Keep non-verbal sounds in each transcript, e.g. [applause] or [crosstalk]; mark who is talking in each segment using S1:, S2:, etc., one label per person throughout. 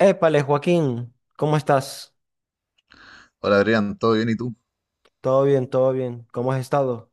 S1: Épale, Joaquín, ¿cómo estás?
S2: Hola Adrián, ¿todo bien y tú?
S1: Todo bien, todo bien. ¿Cómo has estado?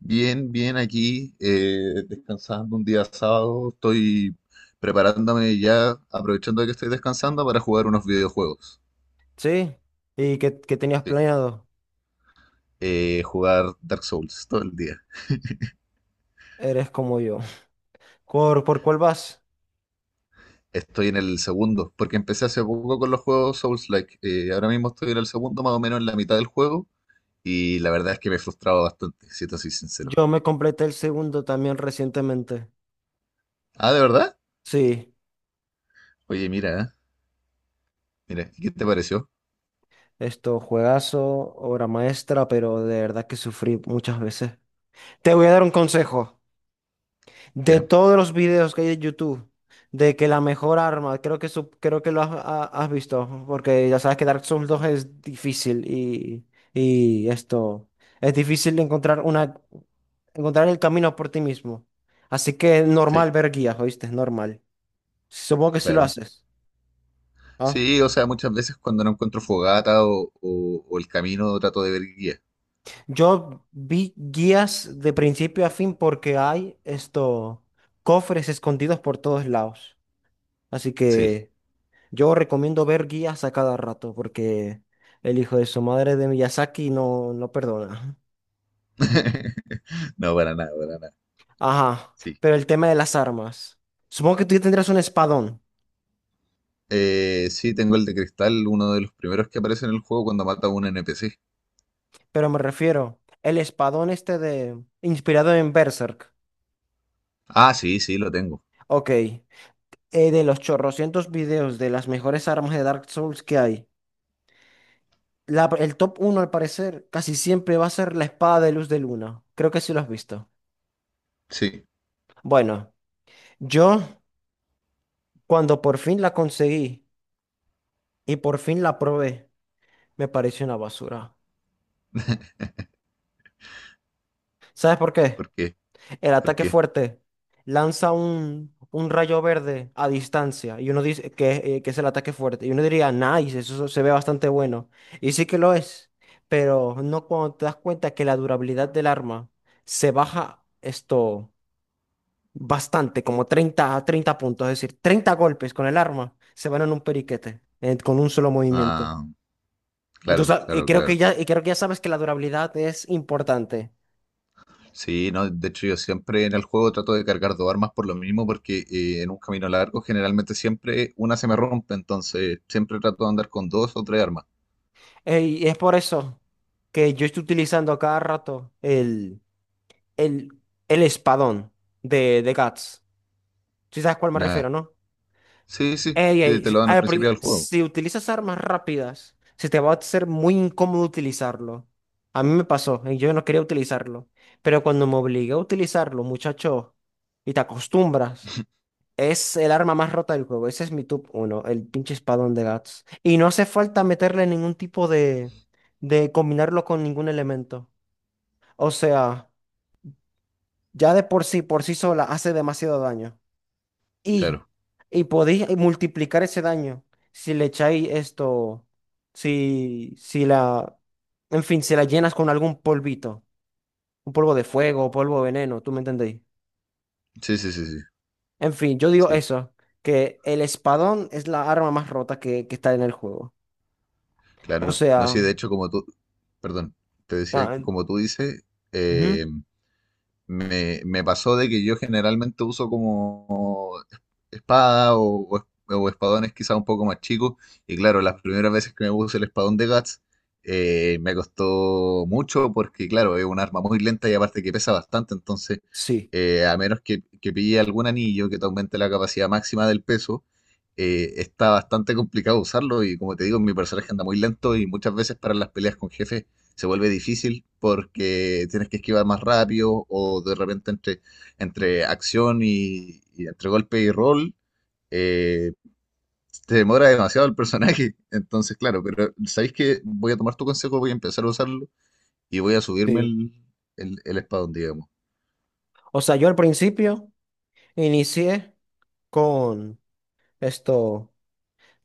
S2: Bien, bien aquí, descansando un día sábado, estoy preparándome ya, aprovechando que estoy descansando para jugar unos videojuegos.
S1: ¿Sí? ¿Y qué tenías
S2: Sí.
S1: planeado?
S2: Jugar Dark Souls todo el día.
S1: Eres como yo. [laughs] ¿Por cuál vas?
S2: Estoy en el segundo, porque empecé hace poco con los juegos Souls-like. Ahora mismo estoy en el segundo, más o menos en la mitad del juego, y la verdad es que me he frustrado bastante, si te soy sincero.
S1: Yo me completé el segundo también recientemente.
S2: Ah, ¿de verdad?
S1: Sí,
S2: Oye, mira, ¿eh? Mira, ¿qué te pareció?
S1: esto, juegazo, obra maestra, pero de verdad que sufrí muchas veces. Te voy a dar un consejo. De
S2: Ya,
S1: todos los videos que hay en YouTube, de que la mejor arma, creo que lo has visto, porque ya sabes que Dark Souls dos es difícil y esto, es difícil encontrar una, encontrar el camino por ti mismo. Así que es
S2: sí,
S1: normal ver guías, ¿oíste? Es normal. Supongo que sí lo
S2: claro.
S1: haces. ¿Ah?
S2: Sí, o sea, muchas veces cuando no encuentro fogata o el camino trato de ver guía.
S1: Yo vi guías de principio a fin porque hay esto, cofres escondidos por todos lados. Así
S2: Sí.
S1: que. Yo recomiendo ver guías a cada rato porque el hijo de su madre de Miyazaki no, no perdona.
S2: [laughs] No, para nada, para nada.
S1: Ajá,
S2: Sí.
S1: pero el tema de las armas. Supongo que tú ya tendrás un espadón,
S2: Sí, tengo el de cristal, uno de los primeros que aparece en el juego cuando mata a un NPC.
S1: pero me refiero, el espadón este inspirado en Berserk.
S2: Ah, sí, sí, lo tengo.
S1: Ok, de los chorrocientos videos de las mejores armas de Dark Souls que hay, el top uno al parecer casi siempre va a ser la espada de luz de luna. Creo que sí lo has visto.
S2: Sí.
S1: Bueno, yo cuando por fin la conseguí y por fin la probé. Me parece una basura. ¿Sabes por qué?
S2: ¿Por qué?
S1: El
S2: ¿Por
S1: ataque
S2: qué?
S1: fuerte lanza un rayo verde a distancia y uno dice que es el ataque fuerte. Y uno diría, nice, eso se ve bastante bueno. Y sí que lo es, pero no cuando te das cuenta que la durabilidad del arma se baja esto bastante, como 30, 30 puntos. Es decir, 30 golpes con el arma se van en un periquete, con un solo movimiento.
S2: Ah, claro,
S1: Entonces, y
S2: claro,
S1: creo que
S2: claro.
S1: ya, y creo que ya sabes que la durabilidad es importante.
S2: Sí, no, de hecho yo siempre en el juego trato de cargar dos armas por lo mismo porque en un camino largo generalmente siempre una se me rompe, entonces siempre trato de andar con dos o tres armas.
S1: Ey, y es por eso que yo estoy utilizando a cada rato el, el espadón de Guts. ¿Sí sabes a cuál me refiero,
S2: Ya,
S1: no?
S2: sí, sí,
S1: Ey,
S2: sí,
S1: ey,
S2: te
S1: si
S2: lo dan al
S1: ah,
S2: principio
S1: porque
S2: del juego.
S1: si utilizas armas rápidas, se te va a hacer muy incómodo utilizarlo. A mí me pasó, y yo no quería utilizarlo. Pero cuando me obligué a utilizarlo, muchacho, y te acostumbras. Es el arma más rota del juego. Ese es mi top uno, el pinche espadón de Guts. Y no hace falta meterle ningún tipo de combinarlo con ningún elemento. O sea, ya de por sí sola, hace demasiado daño. Y,
S2: Claro.
S1: y podéis multiplicar ese daño si le echáis esto, si la, en fin, si la llenas con algún polvito, un polvo de fuego, polvo de veneno, ¿tú me entendéis?
S2: Sí, sí, sí, sí,
S1: En fin, yo digo
S2: sí,
S1: eso, que el espadón es la arma más rota que está en el juego. O
S2: claro. No, sí,
S1: sea,
S2: de hecho, como tú, perdón, te decía
S1: ah,
S2: que como tú dices,
S1: ujú,
S2: eh, me pasó de que yo generalmente uso como espada o espadones quizá un poco más chicos. Y claro, las primeras veces que me puse el espadón de Guts me costó mucho porque claro, es un arma muy lenta y aparte que pesa bastante. Entonces,
S1: sí,
S2: a menos que, pille algún anillo que te aumente la capacidad máxima del peso, está bastante complicado usarlo. Y como te digo, mi personaje anda muy lento y muchas veces para las peleas con jefes se vuelve difícil porque tienes que esquivar más rápido o de repente entre, acción y entre golpe y rol eh, te demora demasiado el personaje. [laughs] Entonces, claro, pero sabéis que voy a tomar tu consejo, voy a empezar a usarlo y voy a subirme
S1: sí.
S2: el, espadón, digamos.
S1: O sea, yo al principio inicié con esto,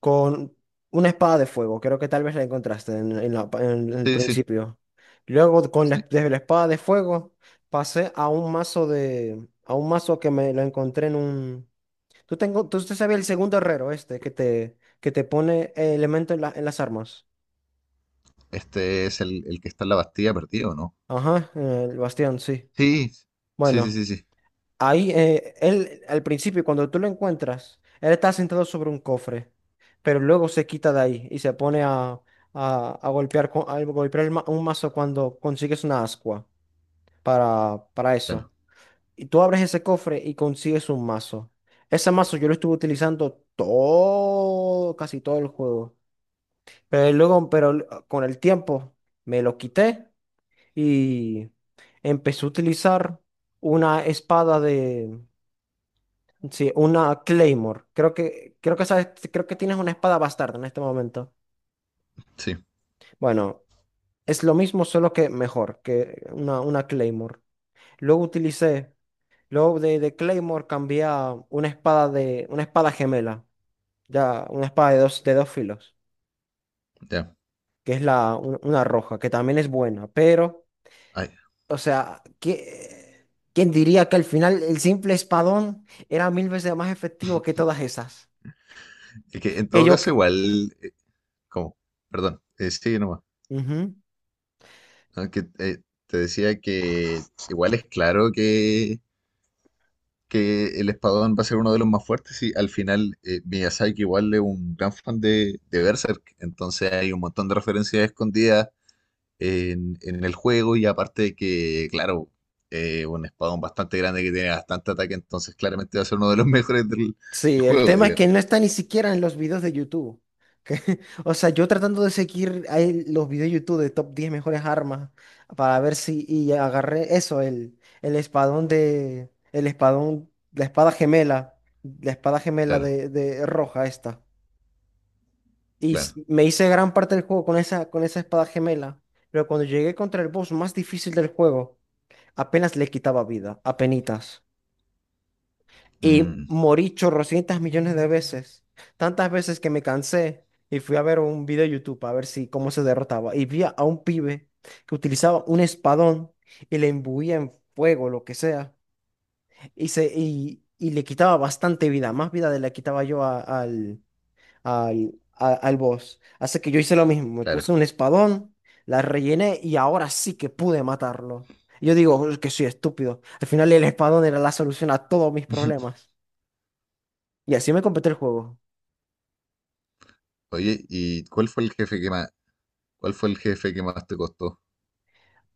S1: con una espada de fuego. Creo que tal vez la encontraste en el
S2: Sí, sí,
S1: principio. Luego,
S2: sí.
S1: desde la espada de fuego, pasé a un mazo que me lo encontré en un. Tú tengo, tú usted sabes el segundo herrero este que te pone elemento en en las armas.
S2: Este es el que está en la Bastilla perdido, ¿o no?
S1: Ajá, en el bastión, sí.
S2: Sí, sí, sí,
S1: Bueno.
S2: sí, sí.
S1: Ahí, él, al principio, cuando tú lo encuentras, él está sentado sobre un cofre, pero luego se quita de ahí y se pone a golpear, a golpear un mazo cuando consigues una ascua para
S2: Claro,
S1: eso. Y tú abres ese cofre y consigues un mazo. Ese mazo yo lo estuve utilizando todo, casi todo el juego. Pero luego, con el tiempo me lo quité y empecé a utilizar una espada. Sí, una Claymore. Creo que sabes, creo que tienes una espada bastarda en este momento.
S2: sí,
S1: Bueno, es lo mismo, solo que mejor que una Claymore. Luego utilicé, luego de Claymore cambié a una espada gemela. Ya, una espada de dos filos,
S2: ya.
S1: que es una roja, que también es buena. Pero,
S2: Ay,
S1: o sea, ¿quién diría que al final el simple espadón era mil veces más efectivo que todas esas?
S2: es que en
S1: Que
S2: todo
S1: yo
S2: caso, igual, como, perdón, sí, nomás.
S1: que.
S2: Aunque te decía que igual es claro que, el espadón va a ser uno de los más fuertes y al final Miyazaki igual es un gran fan de Berserk, entonces hay un montón de referencias escondidas en, el juego y aparte de que, claro, un espadón bastante grande que tiene bastante ataque, entonces claramente va a ser uno de los [laughs] mejores del
S1: Sí, el
S2: juego,
S1: tema es que
S2: digamos.
S1: no está ni siquiera en los videos de YouTube. que- [laughs] o sea, yo tratando de seguir ahí los videos de YouTube de top 10 mejores armas para ver si y agarré eso, el espadón de el espadón, la espada gemela
S2: Claro,
S1: de roja esta. Y
S2: claro.
S1: me hice gran parte del juego con esa espada gemela, pero cuando llegué contra el boss más difícil del juego, apenas le quitaba vida, apenitas. Y
S2: Mm,
S1: morí chorrocientas millones de veces. Tantas veces que me cansé y fui a ver un video de YouTube a ver si cómo se derrotaba. Y vi a un pibe que utilizaba un espadón y le imbuía en fuego, lo que sea. Y le quitaba bastante vida, más vida de la que quitaba yo al boss. Así que yo hice lo mismo, me
S2: claro.
S1: puse un espadón, la rellené y ahora sí que pude matarlo. Yo digo: "Es que soy estúpido. Al final el espadón era la solución a todos mis
S2: [laughs]
S1: problemas". Y así me completé el juego.
S2: Oye, ¿ cuál fue el jefe que más te costó?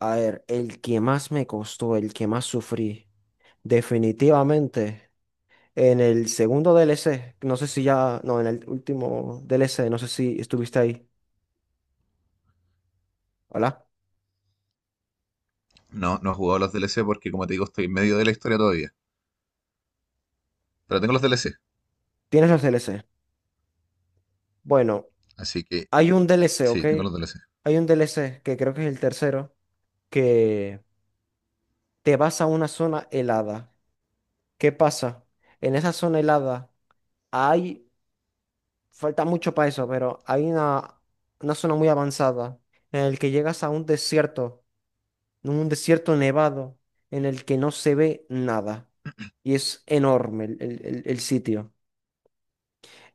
S1: A ver, el que más me costó, el que más sufrí, definitivamente, en el segundo DLC, no sé si ya, no, en el último DLC, no sé si estuviste ahí. Hola,
S2: No, no he jugado los DLC porque, como te digo, estoy en medio de la historia todavía. Pero tengo los DLC,
S1: ¿tienes los DLC? Bueno,
S2: así que
S1: hay un DLC,
S2: sí,
S1: ¿ok?
S2: tengo los DLC.
S1: Hay un DLC que creo que es el tercero, que te vas a una zona helada. ¿Qué pasa? En esa zona helada hay falta mucho para eso, pero hay una zona muy avanzada en el que llegas a un desierto nevado, en el que no se ve nada. Y es enorme el sitio.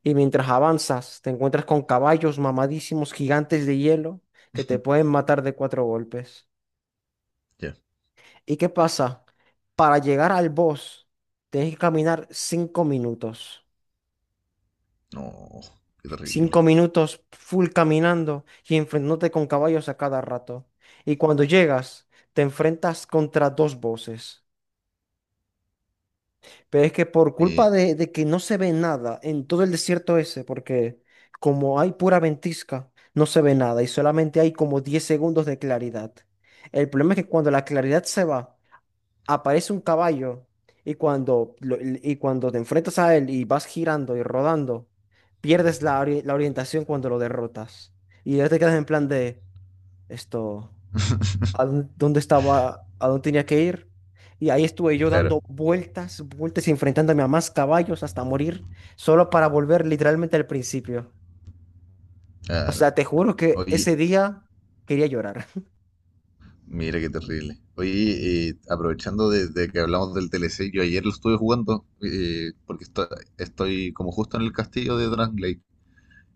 S1: Y mientras avanzas, te encuentras con caballos mamadísimos gigantes de hielo que te pueden matar de cuatro golpes.
S2: Ya.
S1: ¿Y qué pasa? Para llegar al boss, tienes que caminar 5 minutos.
S2: No, qué
S1: Cinco
S2: terrible.
S1: minutos full caminando y enfrentándote con caballos a cada rato. Y cuando llegas, te enfrentas contra dos voces. Pero es que por culpa
S2: Mira,
S1: de que no se ve nada en todo el desierto ese, porque como hay pura ventisca, no se ve nada y solamente hay como 10 segundos de claridad. El problema es que cuando la claridad se va, aparece un caballo y cuando, y cuando te enfrentas a él y vas girando y rodando, pierdes la orientación cuando lo derrotas. Y ya te quedas en plan de esto, ¿A dónde estaba? ¿A dónde tenía que ir? Y ahí estuve yo
S2: claro,
S1: dando vueltas, vueltas y enfrentándome a más caballos hasta morir, solo para volver literalmente al principio. O
S2: claro.
S1: sea, te juro que
S2: Oye,
S1: ese día quería llorar,
S2: mira qué terrible. Oye, aprovechando de que hablamos del DLC, yo ayer lo estuve jugando porque estoy como justo en el castillo de Dragon.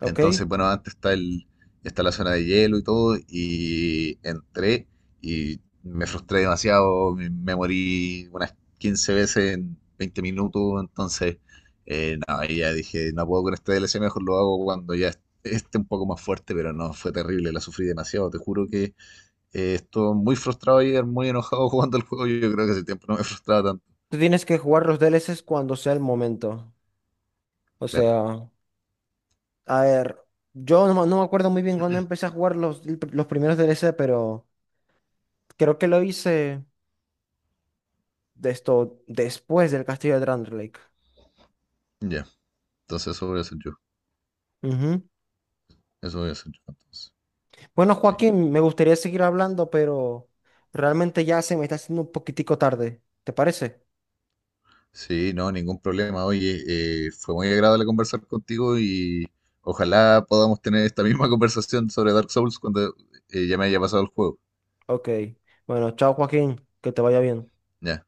S1: [laughs] ¿ok?
S2: Entonces, bueno, antes está la zona de hielo y todo, y entré y me frustré demasiado, me morí unas 15 veces en 20 minutos, entonces, no, ahí ya dije, no puedo con este DLC, mejor lo hago cuando ya esté un poco más fuerte, pero no, fue terrible, la sufrí demasiado, te juro que estuve muy frustrado ayer, muy enojado [laughs] jugando el juego, yo creo que hace tiempo no me frustraba tanto,
S1: Tú tienes que jugar los DLCs cuando sea el momento. O
S2: claro,
S1: sea. A ver, yo no, me no me acuerdo muy bien cuándo empecé a jugar los primeros DLC, pero creo que lo hice de esto después del Castillo de Drandelike.
S2: ya, entonces eso voy a hacer yo,
S1: Ujú.
S2: eso voy a hacer yo, entonces,
S1: Bueno,
S2: sí.
S1: Joaquín, me gustaría seguir hablando, pero realmente ya se me está haciendo un poquitico tarde. ¿Te parece?
S2: Sí, no, ningún problema. Oye, fue muy agradable conversar contigo y ojalá podamos tener esta misma [laughs] conversación sobre Dark Souls cuando ya me haya pasado el juego.
S1: Ok. Bueno, chao, Joaquín, que te vaya bien.
S2: Ya.